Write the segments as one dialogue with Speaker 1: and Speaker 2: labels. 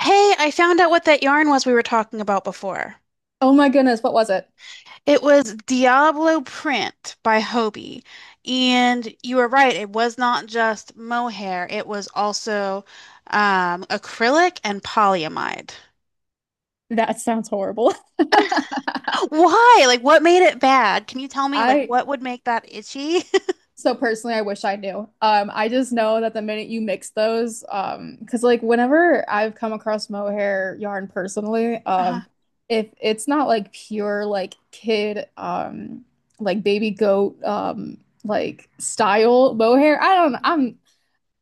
Speaker 1: Hey, I found out what that yarn was we were talking about before.
Speaker 2: Oh my goodness, what was it?
Speaker 1: It was Diablo Print by Hobie. And you were right, it was not just mohair, it was also acrylic and polyamide.
Speaker 2: That sounds horrible.
Speaker 1: Why? Like, what made it bad? Can you tell me, like,
Speaker 2: I
Speaker 1: what would make that itchy?
Speaker 2: so personally, I wish I knew. I just know that the minute you mix those, because like whenever I've come across mohair yarn personally,
Speaker 1: Uh-huh.
Speaker 2: if it's not like pure like kid, like baby goat, like style mohair.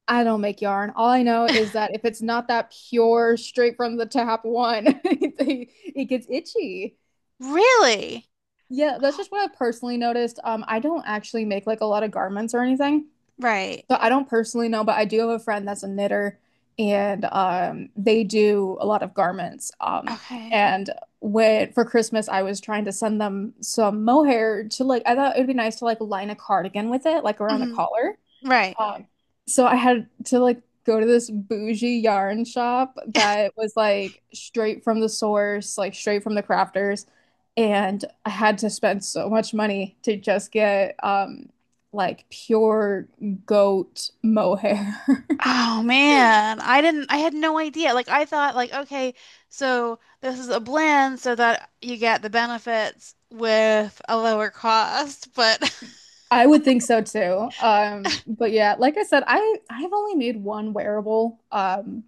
Speaker 2: I don't make yarn. All I know is that if it's not that pure, straight from the tap one, it gets itchy.
Speaker 1: Really?
Speaker 2: Yeah, that's just what I've personally noticed. I don't actually make like a lot of garments or anything.
Speaker 1: Right.
Speaker 2: So I don't personally know, but I do have a friend that's a knitter and they do a lot of garments.
Speaker 1: Okay.
Speaker 2: And When for Christmas I was trying to send them some mohair to like I thought it'd be nice to like line a cardigan with it, like around the
Speaker 1: Mhm.
Speaker 2: collar.
Speaker 1: Right.
Speaker 2: Um, so I had to like go to this bougie yarn shop that was like straight from the source, like straight from the crafters, and I had to spend so much money to just get like pure goat mohair.
Speaker 1: Oh man, I had no idea. Like I thought like okay, so this is a blend so that you get the benefits with a lower cost, but
Speaker 2: I would think so too. But yeah, like I said, I've only made one wearable. Um,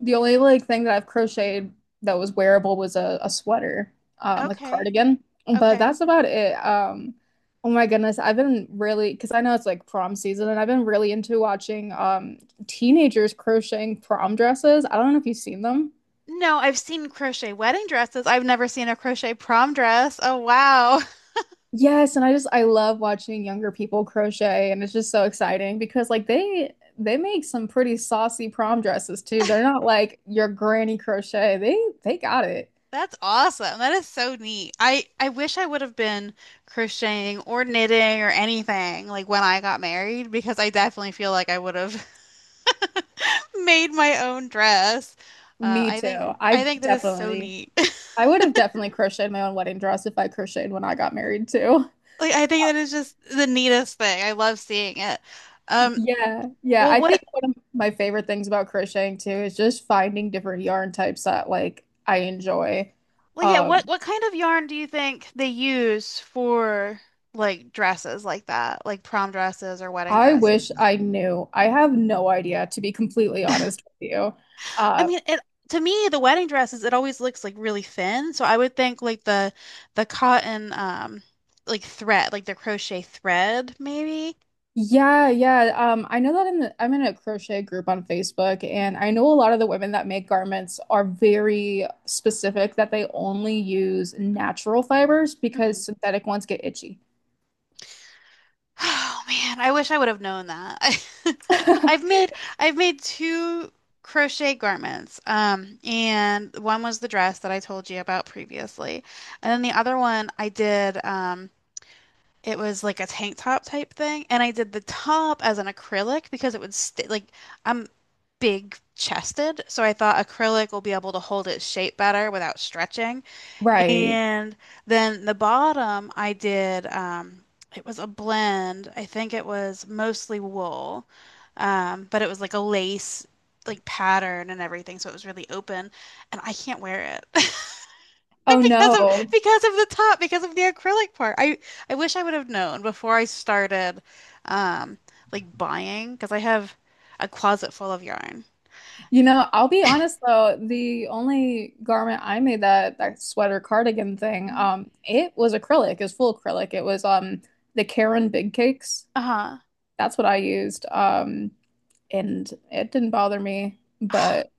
Speaker 2: The only like thing that I've crocheted that was wearable was a sweater, like a
Speaker 1: okay.
Speaker 2: cardigan. But
Speaker 1: Okay.
Speaker 2: that's about it. Oh my goodness, I've been really because I know it's like prom season, and I've been really into watching teenagers crocheting prom dresses. I don't know if you've seen them.
Speaker 1: No, I've seen crochet wedding dresses. I've never seen a crochet prom dress. Oh wow.
Speaker 2: Yes, and I just I love watching younger people crochet, and it's just so exciting because like they make some pretty saucy prom dresses too. They're not like your granny crochet. They got it.
Speaker 1: That's awesome. That is so neat. I wish I would have been crocheting or knitting or anything like when I got married because I definitely feel like I would have. Made my own dress.
Speaker 2: Me
Speaker 1: I
Speaker 2: too.
Speaker 1: think I
Speaker 2: I
Speaker 1: think that is so
Speaker 2: definitely.
Speaker 1: neat.
Speaker 2: I would have definitely crocheted my own wedding dress if I crocheted when I got married too.
Speaker 1: Like I think that is just the neatest thing. I love seeing it. Um,
Speaker 2: Yeah, yeah.
Speaker 1: Well,
Speaker 2: I
Speaker 1: what,
Speaker 2: think one of my favorite things about crocheting too is just finding different yarn types that like I enjoy.
Speaker 1: yeah,
Speaker 2: Um,
Speaker 1: what kind of yarn do you think they use for like dresses like that, like prom dresses or wedding
Speaker 2: I
Speaker 1: dresses?
Speaker 2: wish I knew. I have no idea, to be completely
Speaker 1: I
Speaker 2: honest with you. Uh,
Speaker 1: mean, it to me, the wedding dresses, it always looks like really thin. So I would think like the cotton like thread, like the crochet thread maybe.
Speaker 2: yeah, yeah. I know that I'm in a crochet group on Facebook, and I know a lot of the women that make garments are very specific that they only use natural fibers because
Speaker 1: Mhm.
Speaker 2: synthetic ones get itchy.
Speaker 1: Oh man, I wish I would have known that. I've made I've made two crochet garments. And one was the dress that I told you about previously. And then the other one I did it was like a tank top type thing, and I did the top as an acrylic because it would stay like I'm big chested, so I thought acrylic will be able to hold its shape better without stretching.
Speaker 2: Right.
Speaker 1: And then the bottom, I did, it was a blend. I think it was mostly wool, but it was like a lace, like pattern and everything. So it was really open, and I can't wear it
Speaker 2: Oh no.
Speaker 1: because of the top, because of the acrylic part. I wish I would have known before I started, um, like buying, because I have a closet full of yarn.
Speaker 2: You know, I'll be honest though, the only garment I made that that sweater cardigan thing,
Speaker 1: Mhm.
Speaker 2: it was acrylic, it was full acrylic. It was the Karen Big Cakes.
Speaker 1: Uh-huh.
Speaker 2: That's what I used. And it didn't bother me, but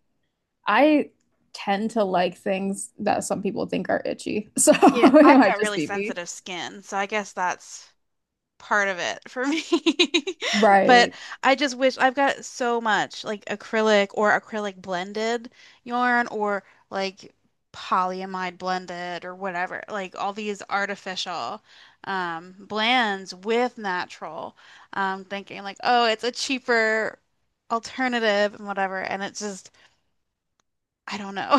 Speaker 2: I tend to like things that some people think are itchy. So
Speaker 1: Yeah,
Speaker 2: it
Speaker 1: I've
Speaker 2: might
Speaker 1: got
Speaker 2: just
Speaker 1: really
Speaker 2: be me.
Speaker 1: sensitive skin, so I guess that's part of it for me. But
Speaker 2: Right.
Speaker 1: I just wish I've got so much like acrylic or acrylic blended yarn or like polyamide blended or whatever, like all these artificial blends with natural. Thinking like, oh, it's a cheaper alternative and whatever. And it's just, I don't know. I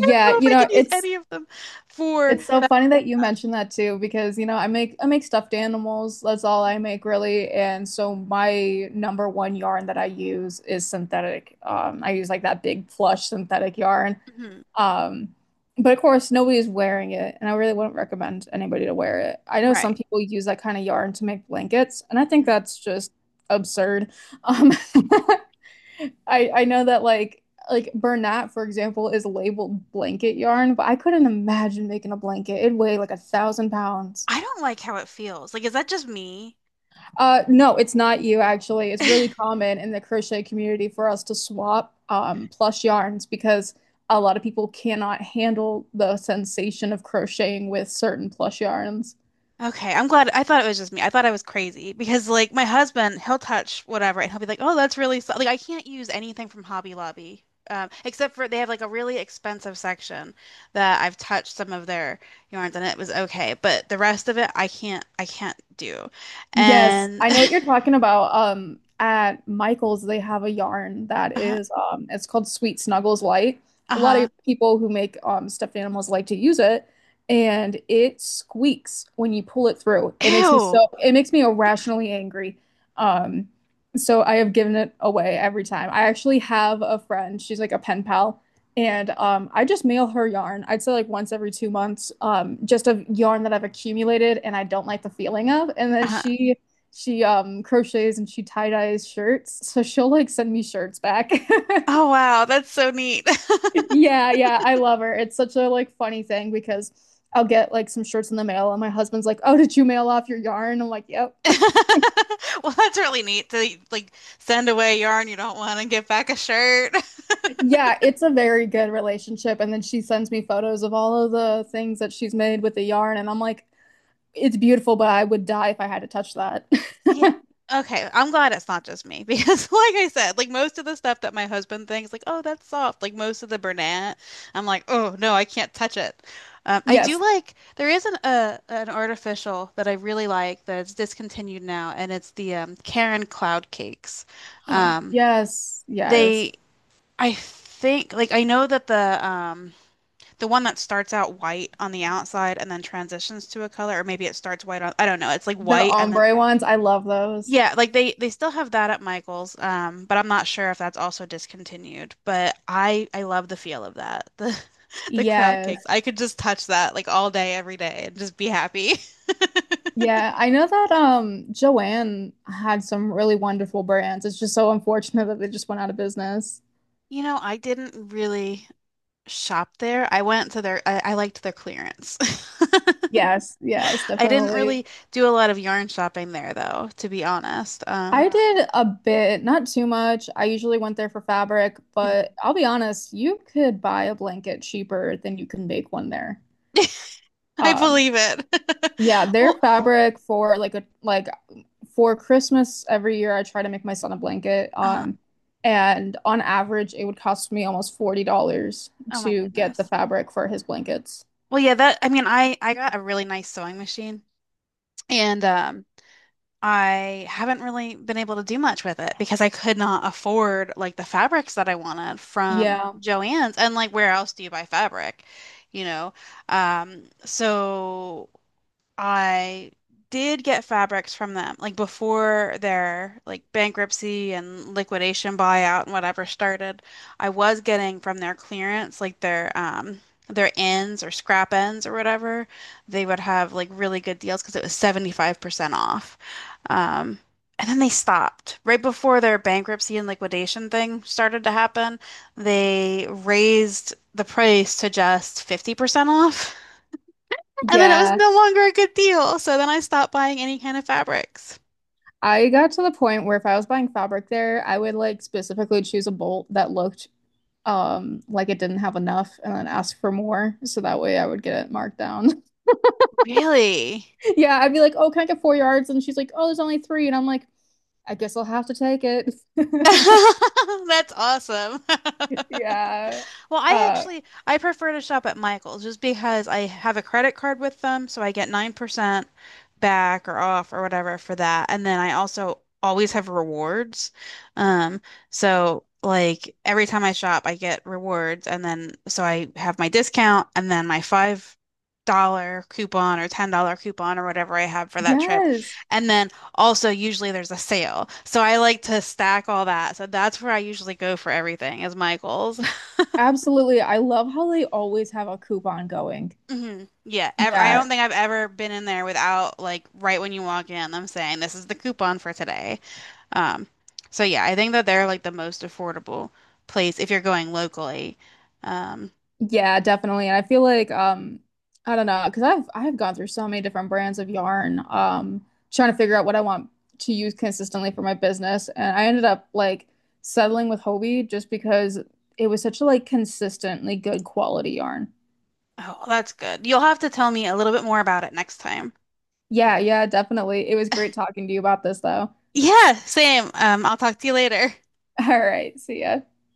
Speaker 1: don't know if
Speaker 2: you
Speaker 1: I
Speaker 2: know,
Speaker 1: could use
Speaker 2: it's
Speaker 1: any of them for
Speaker 2: it's so
Speaker 1: that.
Speaker 2: funny that you mentioned that too because you know, I make stuffed animals. That's all I make really. And so my number one yarn that I use is synthetic. I use like that big plush synthetic yarn.
Speaker 1: Mhm.
Speaker 2: Um, but of course, nobody is wearing it, and I really wouldn't recommend anybody to wear it. I know some
Speaker 1: Right.
Speaker 2: people use that kind of yarn to make blankets, and I think
Speaker 1: Mm-hmm.
Speaker 2: that's just absurd. Um, I know that like Bernat, for example, is labeled blanket yarn, but I couldn't imagine making a blanket. It'd weigh like a thousand pounds.
Speaker 1: I don't like how it feels. Like, is that just me?
Speaker 2: No, it's not you actually. It's really common in the crochet community for us to swap plush yarns because a lot of people cannot handle the sensation of crocheting with certain plush yarns.
Speaker 1: Okay, I'm glad. I thought it was just me. I thought I was crazy because, like, my husband, he'll touch whatever and he'll be like, "Oh, that's really so-" like I can't use anything from Hobby Lobby, except for they have like a really expensive section that I've touched some of their yarns and it was okay, but the rest of it I can't. I can't do.
Speaker 2: Yes,
Speaker 1: And
Speaker 2: I know what you're talking about. At Michael's, they have a yarn that
Speaker 1: uh-huh,
Speaker 2: is, it's called Sweet Snuggles Light. A lot
Speaker 1: uh-huh.
Speaker 2: of people who make stuffed animals like to use it, and it squeaks when you pull it through.
Speaker 1: Ew.
Speaker 2: It makes me irrationally angry. Um, so I have given it away every time. I actually have a friend, she's like a pen pal. And I just mail her yarn. I'd say like once every 2 months, just of yarn that I've accumulated and I don't like the feeling of. And then
Speaker 1: Uh-huh.
Speaker 2: she she um crochets and she tie dyes shirts, so she'll like send me shirts back.
Speaker 1: Oh wow, that's so neat.
Speaker 2: Yeah, yeah, I love her. It's such a like funny thing because I'll get like some shirts in the mail and my husband's like, "Oh, did you mail off your yarn?" I'm like, "Yep."
Speaker 1: Well, that's really neat to like send away yarn you don't want and get back a shirt.
Speaker 2: Yeah, it's a very good relationship. And then she sends me photos of all of the things that she's made with the yarn, and I'm like, it's beautiful, but I would die if I had to touch that.
Speaker 1: Yeah. Okay, I'm glad it's not just me because, like I said, like most of the stuff that my husband thinks, like, oh, that's soft, like most of the Bernat, I'm like, oh, no, I can't touch it. I do
Speaker 2: Yes.
Speaker 1: like, there is an artificial that I really like that's discontinued now, and it's the Karen Cloud Cakes. Um,
Speaker 2: Yes. Yes.
Speaker 1: they, I think, like, I know that the one that starts out white on the outside and then transitions to a color, or maybe it starts white on, I don't know. It's like
Speaker 2: The
Speaker 1: white and then
Speaker 2: ombre ones, I love those.
Speaker 1: yeah, like they still have that at Michael's, but I'm not sure if that's also discontinued. But I love the feel of that. The the cloud
Speaker 2: Yes.
Speaker 1: cakes. I could just touch that like all day, every day and just be happy.
Speaker 2: Yeah, I know that Joanne had some really wonderful brands. It's just so unfortunate that they just went out of business.
Speaker 1: You know, I didn't really shop there. I liked their clearance.
Speaker 2: Yes, yes,
Speaker 1: I didn't
Speaker 2: definitely.
Speaker 1: really do a lot of yarn shopping there though, to be honest.
Speaker 2: I did a bit, not too much. I usually went there for fabric, but I'll be honest, you could buy a blanket cheaper than you can make one there.
Speaker 1: I
Speaker 2: Um,
Speaker 1: believe it.
Speaker 2: yeah, their
Speaker 1: Well,
Speaker 2: fabric for like a like for Christmas every year, I try to make my son a blanket.
Speaker 1: uh,
Speaker 2: And on average, it would cost me almost $40
Speaker 1: oh my
Speaker 2: to get the
Speaker 1: goodness.
Speaker 2: fabric for his blankets.
Speaker 1: Well, yeah, that I mean, I got a really nice sewing machine and I haven't really been able to do much with it because I could not afford like the fabrics that I wanted from
Speaker 2: Yeah.
Speaker 1: Joann's, and like where else do you buy fabric, you know? So I did get fabrics from them, like before their like bankruptcy and liquidation buyout and whatever started. I was getting from their clearance, like their ends or scrap ends or whatever. They would have like really good deals because it was 75% off. Um And then they stopped. Right before their bankruptcy and liquidation thing started to happen, they raised the price to just 50% off. And then it was
Speaker 2: Yeah.
Speaker 1: no longer a good deal. So then I stopped buying any kind of fabrics.
Speaker 2: I got to the point where if I was buying fabric there, I would like specifically choose a bolt that looked like it didn't have enough and then ask for more. So that way I would get it marked down.
Speaker 1: Really?
Speaker 2: Yeah, I'd be like, "Oh, can I get 4 yards?" And she's like, "Oh, there's only three." And I'm like, "I guess I'll have to take it."
Speaker 1: That's awesome.
Speaker 2: Yeah.
Speaker 1: Well, I
Speaker 2: Uh,
Speaker 1: actually I prefer to shop at Michael's just because I have a credit card with them, so I get 9% back or off or whatever for that. And then I also always have rewards. Um, so like every time I shop, I get rewards, and then so I have my discount and then my $5 coupon or $10 coupon or whatever I have for that trip.
Speaker 2: yes.
Speaker 1: And then also usually there's a sale. So I like to stack all that. So that's where I usually go for everything is Michael's.
Speaker 2: Absolutely. I love how they always have a coupon going.
Speaker 1: Hmm. Yeah, ever, I
Speaker 2: Yeah.
Speaker 1: don't think I've ever been in there without like right when you walk in, them saying this is the coupon for today. Um, so yeah, I think that they're like the most affordable place if you're going locally. Um,
Speaker 2: Yeah, definitely. And I feel like I don't know, because 'cause I've gone through so many different brands of yarn trying to figure out what I want to use consistently for my business and I ended up like settling with Hobie just because it was such a like consistently good quality yarn.
Speaker 1: oh, that's good. You'll have to tell me a little bit more about it next time.
Speaker 2: Yeah, yeah, definitely. It was great talking to you about this though.
Speaker 1: Yeah, same. I'll talk to you later.
Speaker 2: All right. See ya.